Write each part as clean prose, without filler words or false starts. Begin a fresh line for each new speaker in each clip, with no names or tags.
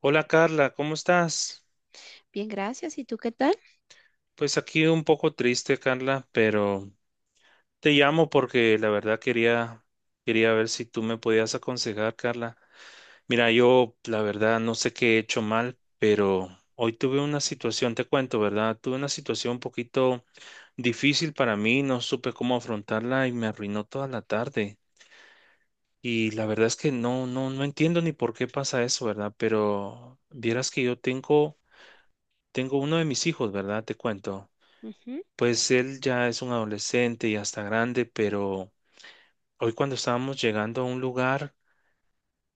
Hola Carla, ¿cómo estás?
Bien, gracias. ¿Y tú qué tal?
Pues aquí un poco triste, Carla, pero te llamo porque la verdad quería ver si tú me podías aconsejar, Carla. Mira, yo la verdad no sé qué he hecho mal, pero hoy tuve una situación, te cuento, ¿verdad? Tuve una situación un poquito difícil para mí, no supe cómo afrontarla y me arruinó toda la tarde. Y la verdad es que no entiendo ni por qué pasa eso, ¿verdad? Pero vieras que yo tengo, tengo uno de mis hijos, ¿verdad? Te cuento.
Ujú,
Pues él ya es un adolescente y hasta grande, pero hoy cuando estábamos llegando a un lugar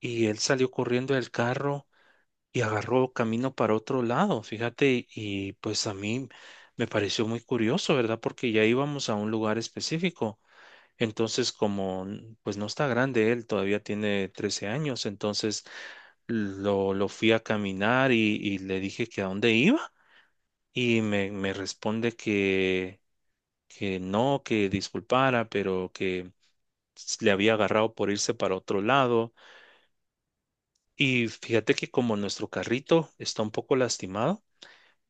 y él salió corriendo del carro y agarró camino para otro lado, fíjate, y pues a mí me pareció muy curioso, ¿verdad? Porque ya íbamos a un lugar específico. Entonces, como pues no está grande él, todavía tiene 13 años, entonces lo fui a caminar y le dije que a dónde iba y me responde que no, que disculpara, pero que le había agarrado por irse para otro lado. Y fíjate que como nuestro carrito está un poco lastimado,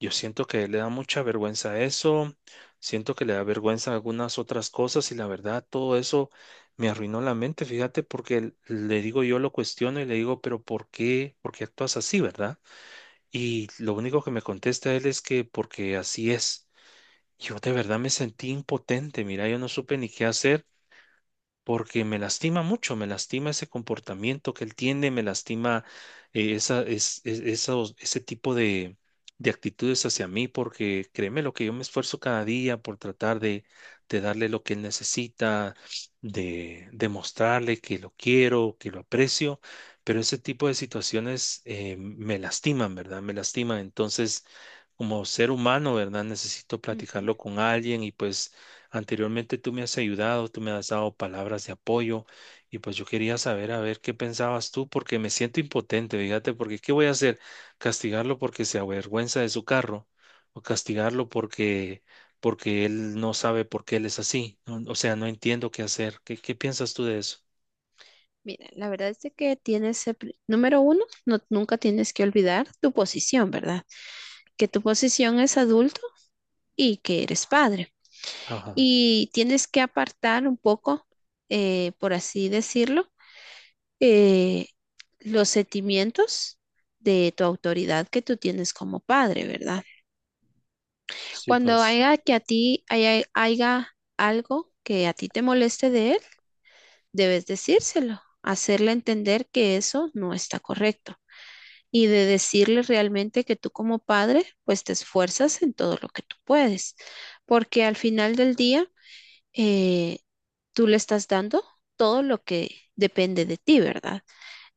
yo siento que le da mucha vergüenza eso, siento que le da vergüenza algunas otras cosas y la verdad todo eso me arruinó la mente, fíjate, porque le digo yo lo cuestiono y le digo, pero ¿por qué? ¿Por qué actúas así, verdad? Y lo único que me contesta él es que porque así es. Yo de verdad me sentí impotente, mira, yo no supe ni qué hacer. Porque me lastima mucho, me lastima ese comportamiento que él tiene, me lastima esa, es- esos- ese tipo de actitudes hacia mí, porque créeme lo que yo me esfuerzo cada día por tratar de darle lo que él necesita, de demostrarle que lo quiero, que lo aprecio, pero ese tipo de situaciones me lastiman, ¿verdad? Me lastiman. Entonces... Como ser humano, ¿verdad? Necesito
ujú.
platicarlo con alguien y pues anteriormente tú me has ayudado, tú me has dado palabras de apoyo y pues yo quería saber a ver qué pensabas tú porque me siento impotente, fíjate, porque ¿qué voy a hacer? ¿Castigarlo porque se avergüenza de su carro o castigarlo porque él no sabe por qué él es así? No, o sea, no entiendo qué hacer. ¿Qué, qué piensas tú de eso?
Mira, la verdad es de que tienes, número uno, no, nunca tienes que olvidar tu posición, ¿verdad? Que tu posición es adulto y que eres padre.
Ajá.
Y tienes que apartar un poco, por así decirlo, eh, los sentimientos de tu autoridad que tú tienes como padre, ¿verdad?
Sí,
Cuando
pues.
haya algo que a ti te moleste de él, debes decírselo, hacerle entender que eso no está correcto y de decirle realmente que tú como padre, pues te esfuerzas en todo lo que tú puedes, porque al final del día, eh, tú le estás dando todo lo que depende de ti, ¿verdad?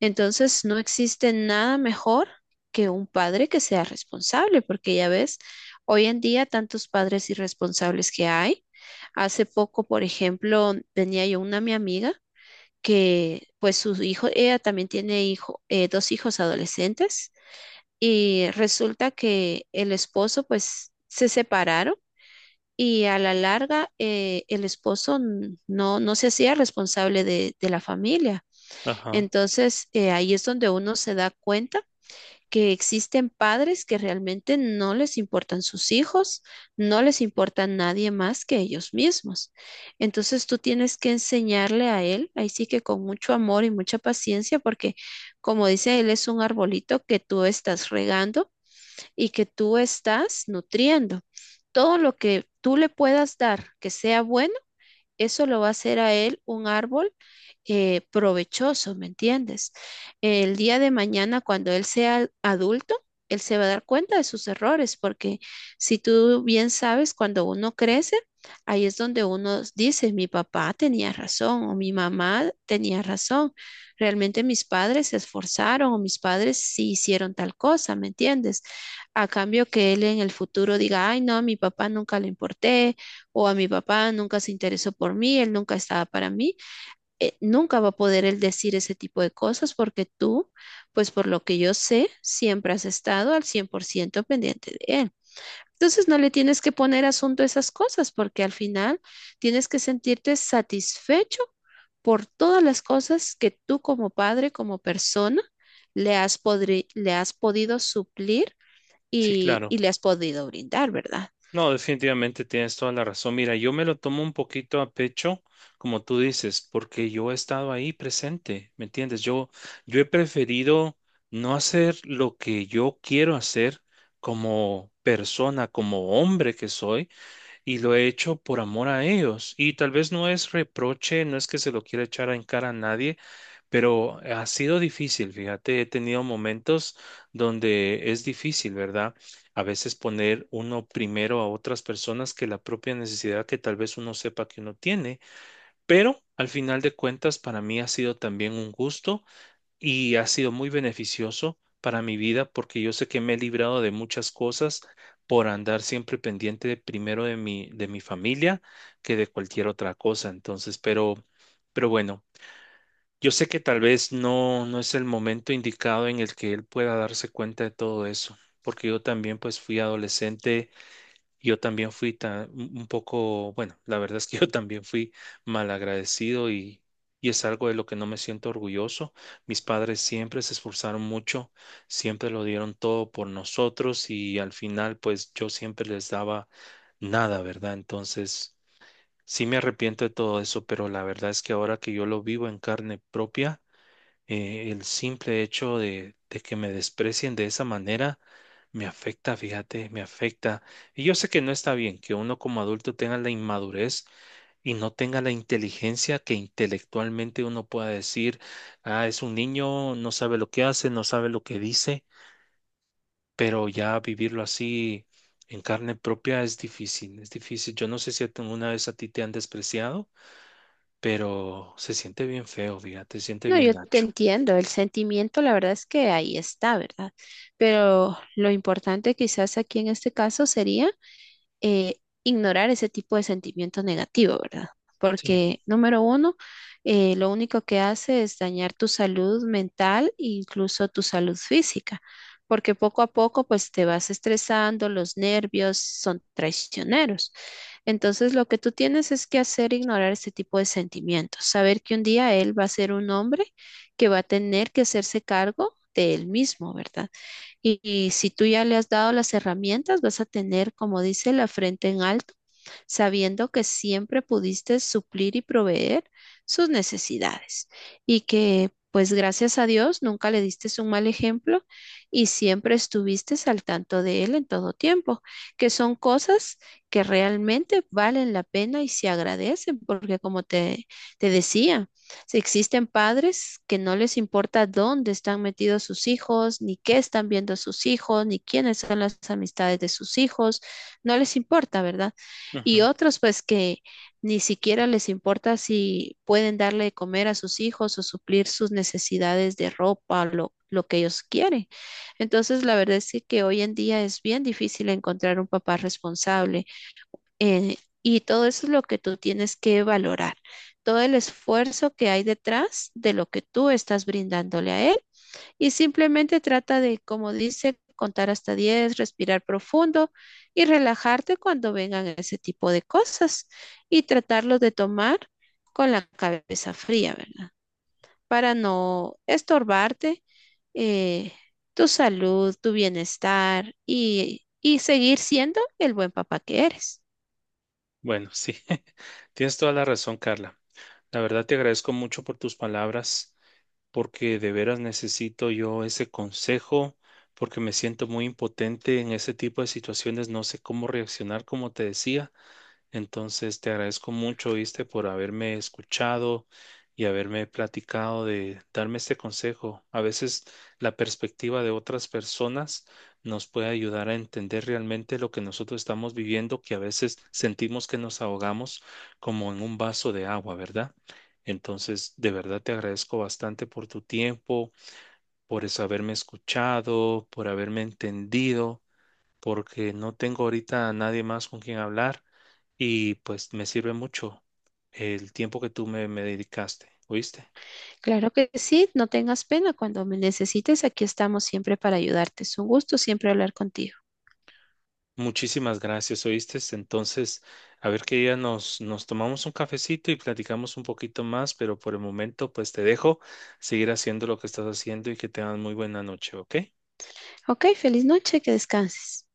Entonces, no existe nada mejor que un padre que sea responsable, porque ya ves, hoy en día tantos padres irresponsables que hay. Hace poco, por ejemplo, tenía yo una mi amiga que pues su hijo, ella también tiene hijo, dos hijos adolescentes y resulta que el esposo pues se separaron y a la larga el esposo no, no se hacía responsable de la familia.
Ajá.
Entonces ahí es donde uno se da cuenta que existen padres que realmente no les importan sus hijos, no les importa nadie más que ellos mismos. Entonces tú tienes que enseñarle a él, ahí sí que con mucho amor y mucha paciencia, porque como dice él, es un arbolito que tú estás regando y que tú estás nutriendo. Todo lo que tú le puedas dar que sea bueno, eso lo va a hacer a él un árbol provechoso, ¿me entiendes? El día de mañana, cuando él sea adulto, él se va a dar cuenta de sus errores, porque si tú bien sabes, cuando uno crece, ahí es donde uno dice, mi papá tenía razón o mi mamá tenía razón, realmente mis padres se esforzaron o mis padres sí hicieron tal cosa, ¿me entiendes? A cambio que él en el futuro diga, ay, no, a mi papá nunca le importé, o a mi papá nunca se interesó por mí, él nunca estaba para mí, nunca va a poder él decir ese tipo de cosas porque tú, pues por lo que yo sé, siempre has estado al 100% pendiente de él. Entonces no le tienes que poner asunto a esas cosas porque al final tienes que sentirte satisfecho por todas las cosas que tú como padre, como persona, le has, le has podido suplir
Sí,
y
claro.
le has podido brindar, ¿verdad?
No, definitivamente tienes toda la razón. Mira, yo me lo tomo un poquito a pecho, como tú dices, porque yo he estado ahí presente, ¿me entiendes? Yo he preferido no hacer lo que yo quiero hacer como persona, como hombre que soy y lo he hecho por amor a ellos. Y tal vez no es reproche, no es que se lo quiera echar en cara a nadie, pero ha sido difícil, fíjate, he tenido momentos donde es difícil, ¿verdad? A veces poner uno primero a otras personas que la propia necesidad que tal vez uno sepa que uno tiene, pero al final de cuentas para mí ha sido también un gusto y ha sido muy beneficioso para mi vida porque yo sé que me he librado de muchas cosas por andar siempre pendiente primero de de mi familia que de cualquier otra cosa. Entonces, pero bueno, yo sé que tal vez no es el momento indicado en el que él pueda darse cuenta de todo eso, porque yo también pues fui adolescente, yo también fui un poco, bueno, la verdad es que yo también fui malagradecido y es algo de lo que no me siento orgulloso. Mis padres siempre se esforzaron mucho, siempre lo dieron todo por nosotros y al final pues yo siempre les daba nada, ¿verdad? Entonces sí me arrepiento de todo eso, pero la verdad es que ahora que yo lo vivo en carne propia, el simple hecho de que me desprecien de esa manera me afecta, fíjate, me afecta. Y yo sé que no está bien que uno como adulto tenga la inmadurez y no tenga la inteligencia que intelectualmente uno pueda decir, ah, es un niño, no sabe lo que hace, no sabe lo que dice, pero ya vivirlo así en carne propia es difícil, es difícil. Yo no sé si alguna vez a ti te han despreciado, pero se siente bien feo, fíjate, se siente
No,
bien
yo te
gacho.
entiendo, el sentimiento la verdad es que ahí está, ¿verdad? Pero lo importante quizás aquí en este caso sería eh, ignorar ese tipo de sentimiento negativo, ¿verdad?
Sí.
Porque, número uno, lo único que hace es dañar tu salud mental e incluso tu salud física, porque poco a poco, pues te vas estresando, los nervios son traicioneros. Entonces, lo que tú tienes es que hacer ignorar ese tipo de sentimientos, saber que un día él va a ser un hombre que va a tener que hacerse cargo de él mismo, ¿verdad? Y si tú ya le has dado las herramientas, vas a tener, como dice, la frente en alto, sabiendo que siempre pudiste suplir y proveer sus necesidades y que, pues gracias a Dios, nunca le diste un mal ejemplo y siempre estuviste al tanto de él en todo tiempo, que son cosas que realmente valen la pena y se agradecen, porque te decía, si existen padres que no les importa dónde están metidos sus hijos, ni qué están viendo sus hijos, ni quiénes son las amistades de sus hijos, no les importa, ¿verdad? Y otros pues que ni siquiera les importa si pueden darle de comer a sus hijos o suplir sus necesidades de ropa, lo que ellos quieren. Entonces, la verdad es que hoy en día es bien difícil encontrar un papá responsable, eh, y todo eso es lo que tú tienes que valorar, todo el esfuerzo que hay detrás de lo que tú estás brindándole a él y simplemente trata de, como dice, contar hasta 10, respirar profundo y relajarte cuando vengan ese tipo de cosas y tratarlos de tomar con la cabeza fría, ¿verdad? Para no estorbarte eh, tu salud, tu bienestar y seguir siendo el buen papá que eres.
Bueno, sí, tienes toda la razón, Carla. La verdad te agradezco mucho por tus palabras, porque de veras necesito yo ese consejo, porque me siento muy impotente en ese tipo de situaciones, no sé cómo reaccionar, como te decía. Entonces, te agradezco mucho, viste, por haberme escuchado y haberme platicado de darme este consejo. A veces la perspectiva de otras personas nos puede ayudar a entender realmente lo que nosotros estamos viviendo, que a veces sentimos que nos ahogamos como en un vaso de agua, ¿verdad? Entonces, de verdad te agradezco bastante por tu tiempo, por eso haberme escuchado, por haberme entendido porque no tengo ahorita a nadie más con quien hablar y pues me sirve mucho el tiempo que tú me dedicaste, ¿oíste?
Claro que sí, no tengas pena. Cuando me necesites, aquí estamos siempre para ayudarte. Es un gusto siempre hablar contigo.
Muchísimas gracias, ¿oíste? Entonces, a ver qué día nos tomamos un cafecito y platicamos un poquito más, pero por el momento pues te dejo seguir haciendo lo que estás haciendo y que tengas muy buena noche, ¿ok?
Ok, feliz noche, que descanses.